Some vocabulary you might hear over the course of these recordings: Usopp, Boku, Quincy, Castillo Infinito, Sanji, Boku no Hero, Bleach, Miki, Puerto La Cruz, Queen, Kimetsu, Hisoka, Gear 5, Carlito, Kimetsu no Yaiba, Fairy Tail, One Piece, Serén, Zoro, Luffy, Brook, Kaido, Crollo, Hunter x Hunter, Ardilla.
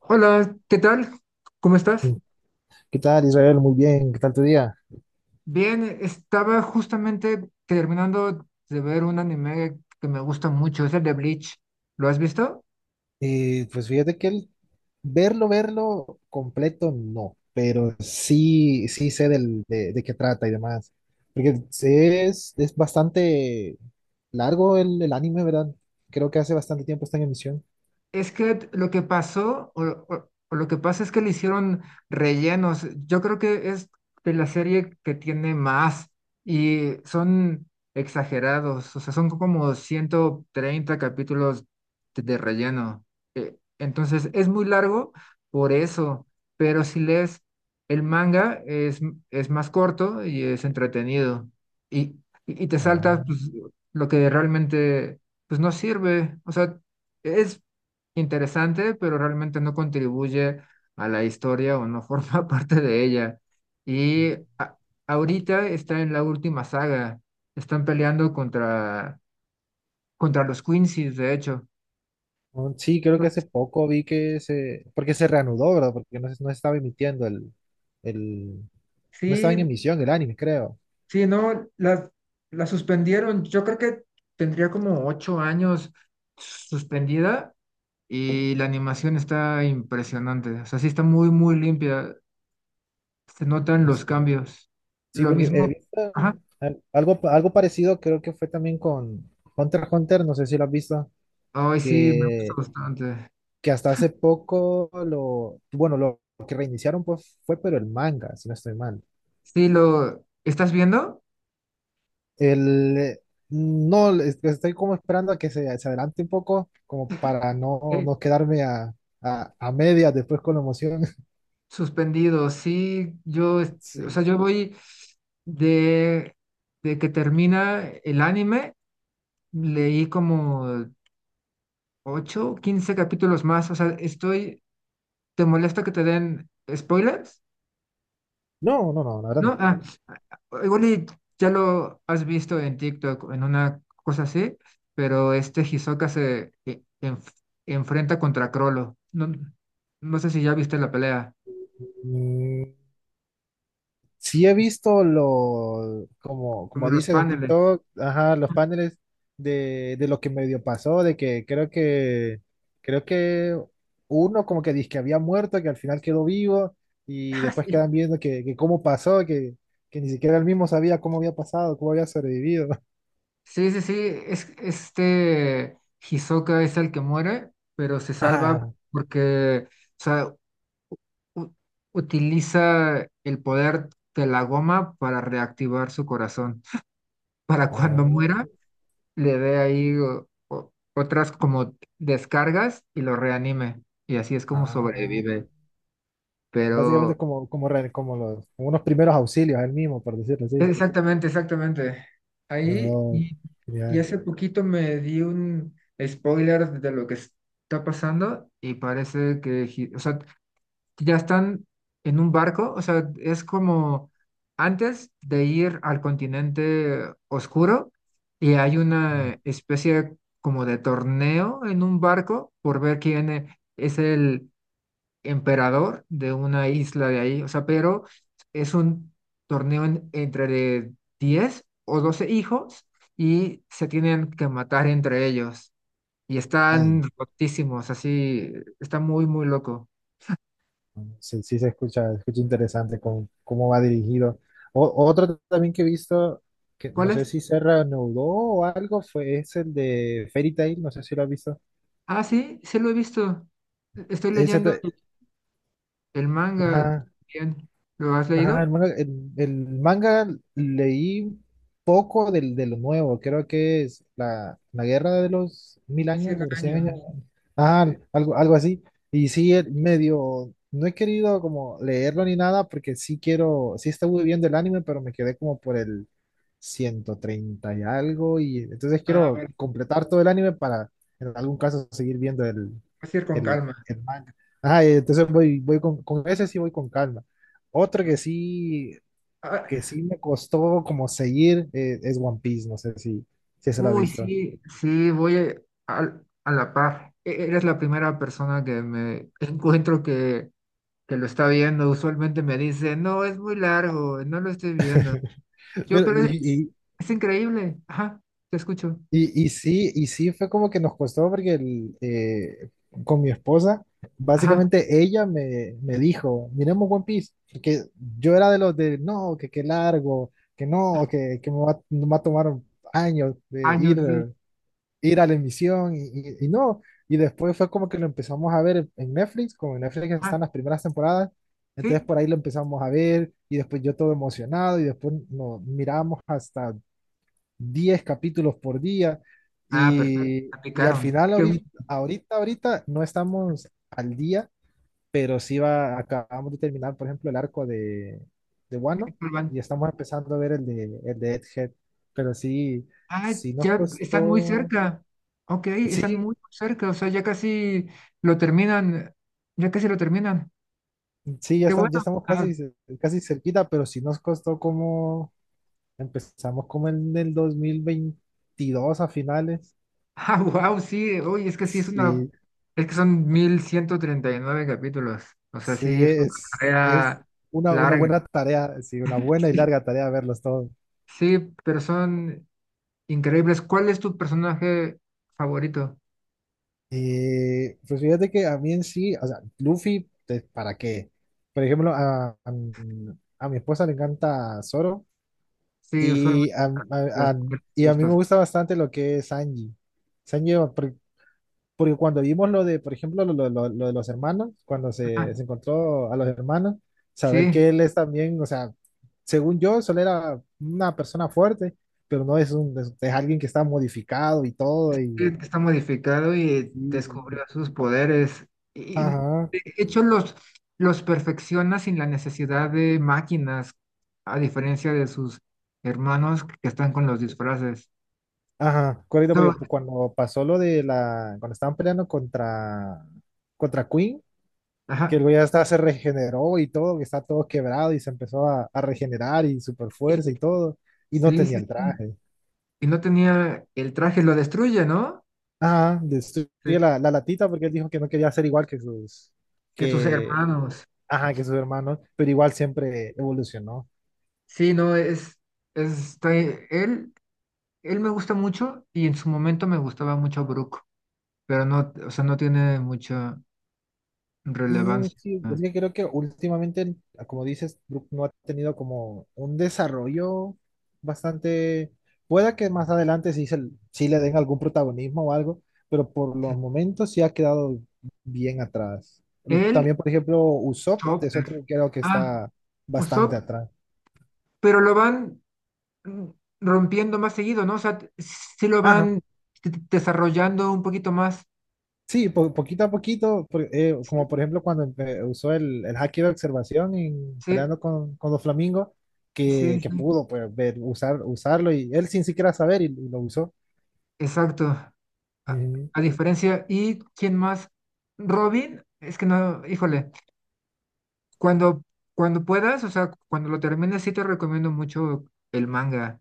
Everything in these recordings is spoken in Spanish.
Hola, ¿qué tal? ¿Cómo estás? ¿Qué tal, Israel? Muy bien, ¿qué tal tu día? Bien, estaba justamente terminando de ver un anime que me gusta mucho, es el de Bleach. ¿Lo has visto? Pues fíjate que el verlo completo, no, pero sí sé de qué trata y demás, porque es bastante largo el anime, ¿verdad? Creo que hace bastante tiempo está en emisión. Es que lo que pasó, o lo que pasa es que le hicieron rellenos. Yo creo que es de la serie que tiene más y son exagerados, o sea, son como 130 capítulos de relleno. Entonces es muy largo por eso, pero si lees el manga es más corto y es entretenido y, y te saltas Oh. pues, lo que realmente pues, no sirve. O sea, es interesante, pero realmente no contribuye a la historia o no forma parte de ella. Y ahorita está en la última saga, están peleando contra los Quincy's, de hecho. Oh, sí, creo que hace poco vi que porque se reanudó, ¿verdad? Porque no, no estaba emitiendo el, no estaba en Sí, emisión el anime, creo. sí, no, la suspendieron. Yo creo que tendría como 8 años suspendida y la animación está impresionante. O sea, sí está muy, muy limpia. Se notan los cambios. Sí, Lo porque he mismo. visto Ajá. Algo parecido, creo que fue también con Hunter x Hunter, no sé si lo has visto, Ay, sí, me gusta que, bastante. que hasta hace poco bueno, lo que reiniciaron pues fue, pero el manga, si no estoy mal. Sí, lo. ¿Estás viendo? El, no, estoy como esperando a que se adelante un poco, como para no, Eh, no quedarme a medias después con la emoción. Suspendido. Sí, yo. O sea, Sí. yo voy de, de que termina el anime. Leí como 8 15 capítulos más. O sea, estoy. ¿Te molesta que te den spoilers? No, no, no, la verdad ¿No? Ah, ah, igual y ya lo has visto en TikTok, o en una cosa así, pero este Hisoka se enfrenta contra Crollo. No, no sé si ya viste la pelea, no. Sí he visto como, como como los dices en paneles. TikTok, ajá, los paneles de lo que medio pasó, de que creo que uno como que dice que había muerto, que al final quedó vivo, y Ah, después sí, quedan viendo que, cómo pasó, que ni siquiera él mismo sabía cómo había pasado, cómo había sobrevivido. sí, sí, sí, es, este Hisoka es el que muere, pero se salva Ajá. porque, o sea, u- utiliza el poder de la goma para reactivar su corazón. Para cuando Oh, muera, le dé ahí otras como descargas y lo reanime. Y así es como ah. sobrevive. Básicamente Pero es como los, como unos primeros auxilios, él mismo, por decirlo así. exactamente, exactamente. Ahí No, y genial. hace poquito me di un spoiler de lo que está pasando y parece que, o sea, ya están en un barco, o sea, es como antes de ir al continente oscuro y hay Ah, una especie como de torneo en un barco por ver quién es el emperador de una isla de ahí, o sea, pero es un torneo entre de 10 o 12 hijos y se tienen que matar entre ellos y ay, están rotísimos, así, está muy, muy loco. sí, sí se escucha interesante con cómo va dirigido. Otro también que he visto, que no ¿Cuál sé es? si se reanudó o algo, es el de Fairy Tail, no sé si lo has visto. Ah, sí, sí lo he visto. Estoy Ese, leyendo te- el manga ajá, bien. ¿Lo has ajá, el leído? manga, el, el manga leí poco de lo nuevo, creo que es la guerra de los 1000 años, 100 sobre 100 años, años. ah, Sí. algo así. Y sí, el Sí. medio, no he querido como leerlo ni nada porque sí estuve viendo el anime, pero me quedé como por el 130 y algo, y entonces quiero Ah, completar todo el anime para en algún caso seguir viendo el, vas a ir con el, calma. el manga. Ajá, entonces voy con ese sí voy con calma. Otro que sí, Ah, que sí me costó como seguir es One Piece, no sé si se lo ha uy, visto. sí, sí, voy a la par. Eres la primera persona que me encuentro que, lo está viendo. Usualmente me dice, no, es muy largo, no lo estoy viendo. Yo, Pero, pero y, es, y, es increíble. Ajá, te escucho. y, y sí, y sí fue como que nos costó porque con mi esposa, Ajá, básicamente ella me dijo, miremos One Piece, porque yo era de los de, no, que qué largo, que no, que me va a tomar años de ir. años, sí. Ir a la emisión y no. Y después fue como que lo empezamos a ver en Netflix, como en Netflix están Ajá, las primeras temporadas, entonces sí, por ahí lo empezamos a ver y después yo todo emocionado y después nos miramos hasta 10 capítulos por día ah, perfecto, y al aplicaron. final Qué ahorita, gusto ahorita, ahorita no estamos al día, pero acabamos de terminar, por ejemplo, el arco de que Wano vuelvan. y estamos empezando a ver el de Egghead, pero sí, Ah, sí nos ya están muy costó. cerca. Ok, están Sí, muy cerca, o sea, ya casi lo terminan, ya casi lo terminan. sí, ya Qué estamos, ya bueno. estamos casi cerquita, pero sí nos costó como, empezamos como en el 2022 a finales. Ah, wow, sí, oye, es que sí, es una, Sí, es que son 1139 capítulos, o sea, sí, sí, es una es carrera una larga. buena tarea, sí, una buena y Sí, larga tarea verlos todos. sí, pero son increíbles. ¿Cuál es tu personaje favorito? Pues fíjate que a mí en sí, o sea, Luffy, ¿para qué? Por ejemplo, a mi esposa le encanta Zoro Sí, usualmente y a, a- las a- mujeres y les a mí me gustas. gusta bastante lo que es Sanji. Sanji, porque cuando vimos lo de, por ejemplo, lo de los hermanos, cuando Ah, se encontró a los hermanos, saber sí, que él es también, o sea, según yo, solo era una persona fuerte, pero no es es alguien que está modificado y todo, que está modificado y descubrió y- sus poderes. Y de ajá, hecho los perfecciona sin la necesidad de máquinas, a diferencia de sus hermanos que están con los disfraces. ajá, correcto, So, porque cuando pasó cuando estaban peleando contra Queen, que el ajá, güey hasta se regeneró y todo, que está todo quebrado y se empezó a regenerar y super fuerza y todo, y no sí, tenía sí, el sí. traje. Y no tenía el traje, lo destruye, ¿no? Ajá, destruye Sí, la latita porque él dijo que no quería ser igual que sus, que sus que, hermanos. ajá, que sus hermanos, pero igual siempre evolucionó. Sí, no, es está- él, él me gusta mucho y en su momento me gustaba mucho Brook, pero no, o sea, no tiene mucha Mm, relevancia. sí, es que creo que últimamente, como dices, Brook no ha tenido como un desarrollo bastante, pueda que más adelante sí, sí le den algún protagonismo o algo, pero por los momentos sí ha quedado bien atrás. El También, por ejemplo, Usopp es chopper. otro que creo que Ah, está bastante Usopp, atrás. pero lo van mm, rompiendo más seguido, ¿no? O sea, sí lo Ajá. van desarrollando un poquito más. Sí, poquito a poquito, como por Sí, ejemplo cuando usó el haki de observación en sí, peleando con los flamingos, que, sí, que sí, pudo pues, usarlo y él sin siquiera saber y lo usó. exacto. A, Ujú. a diferencia, ¿y quién más? Robin, es que no, híjole, cuando, cuando puedas, o sea, cuando lo termines, sí te recomiendo mucho el manga.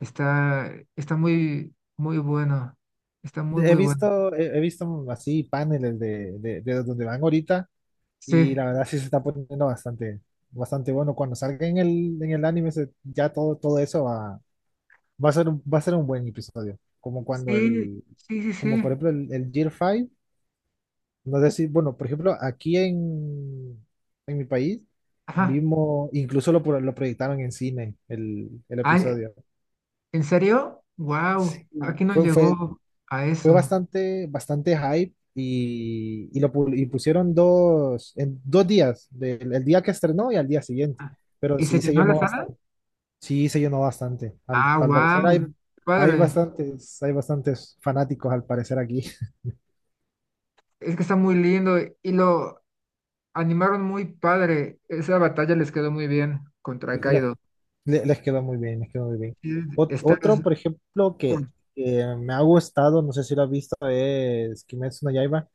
Está muy, muy bueno. Está muy, He muy bueno. visto, he, he visto así paneles de donde van ahorita y Sí, la verdad sí se está poniendo bastante, bastante bueno. Cuando salga en el anime ya todo eso va a ser un buen episodio. Como cuando sí, sí, sí, como por sí. ejemplo el Gear 5. No sé si, bueno, por ejemplo, aquí en mi país Ajá. vimos, incluso lo proyectaron en cine el Ay, episodio. ¿en serio? Wow, aquí no Fue, fue, llegó a fue eso. bastante, bastante hype y pusieron dos, en 2 días, del el día que estrenó y al día siguiente. Ah, Pero ¿y se sí se llenó la llenó sala? bastante, sí se llenó bastante. Al, Ah, al parecer wow, hay, hay padre. bastantes, hay bastantes fanáticos al parecer aquí. Es que está muy lindo y lo animaron muy padre. Esa batalla les quedó muy bien contra La- Kaido. les quedó muy bien, les quedó muy bien. Sí, Ot- estás otro, por ejemplo, que, con que me ha gustado, no sé si lo has visto, es Kimetsu no Yaiba.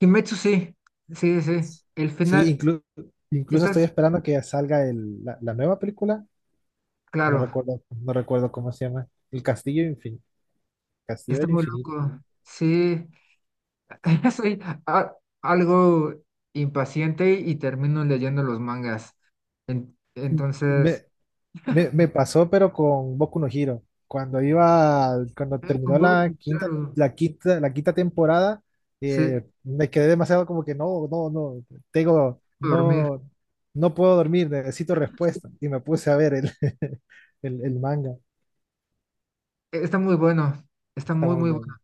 Kimetsu, sí, sí, sí. El Sí, final, incluso estoy estás esperando que salga la nueva película. No claro, recuerdo, no recuerdo cómo se llama. El Castillo Infinito. Castillo está del muy Infinito. loco. Sí, soy a- algo impaciente y termino leyendo los mangas. Entonces, Me, me pasó, pero con Boku no Hero. Cuando cuando ah, con terminó la Boku, quinta, claro, la quinta, la quinta temporada, sí, me quedé demasiado como que no, no, no, dormir. no, no puedo dormir, necesito respuesta. Y me puse a ver el manga. Está muy bueno, está Está muy, muy muy bueno. bueno.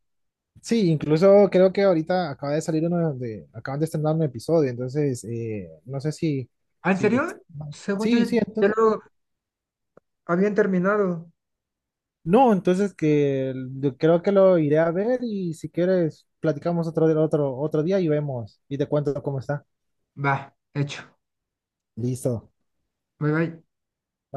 Sí, incluso creo que ahorita acaba de salir acaban de estrenar un episodio, entonces no sé ¿Ah, en si, serio? Según yo, sí, ya entonces. lo habían terminado. No, entonces yo creo que lo iré a ver y si quieres platicamos otro día y vemos y te cuento cómo está. Va, hecho. Listo. Bye, bye. Bye.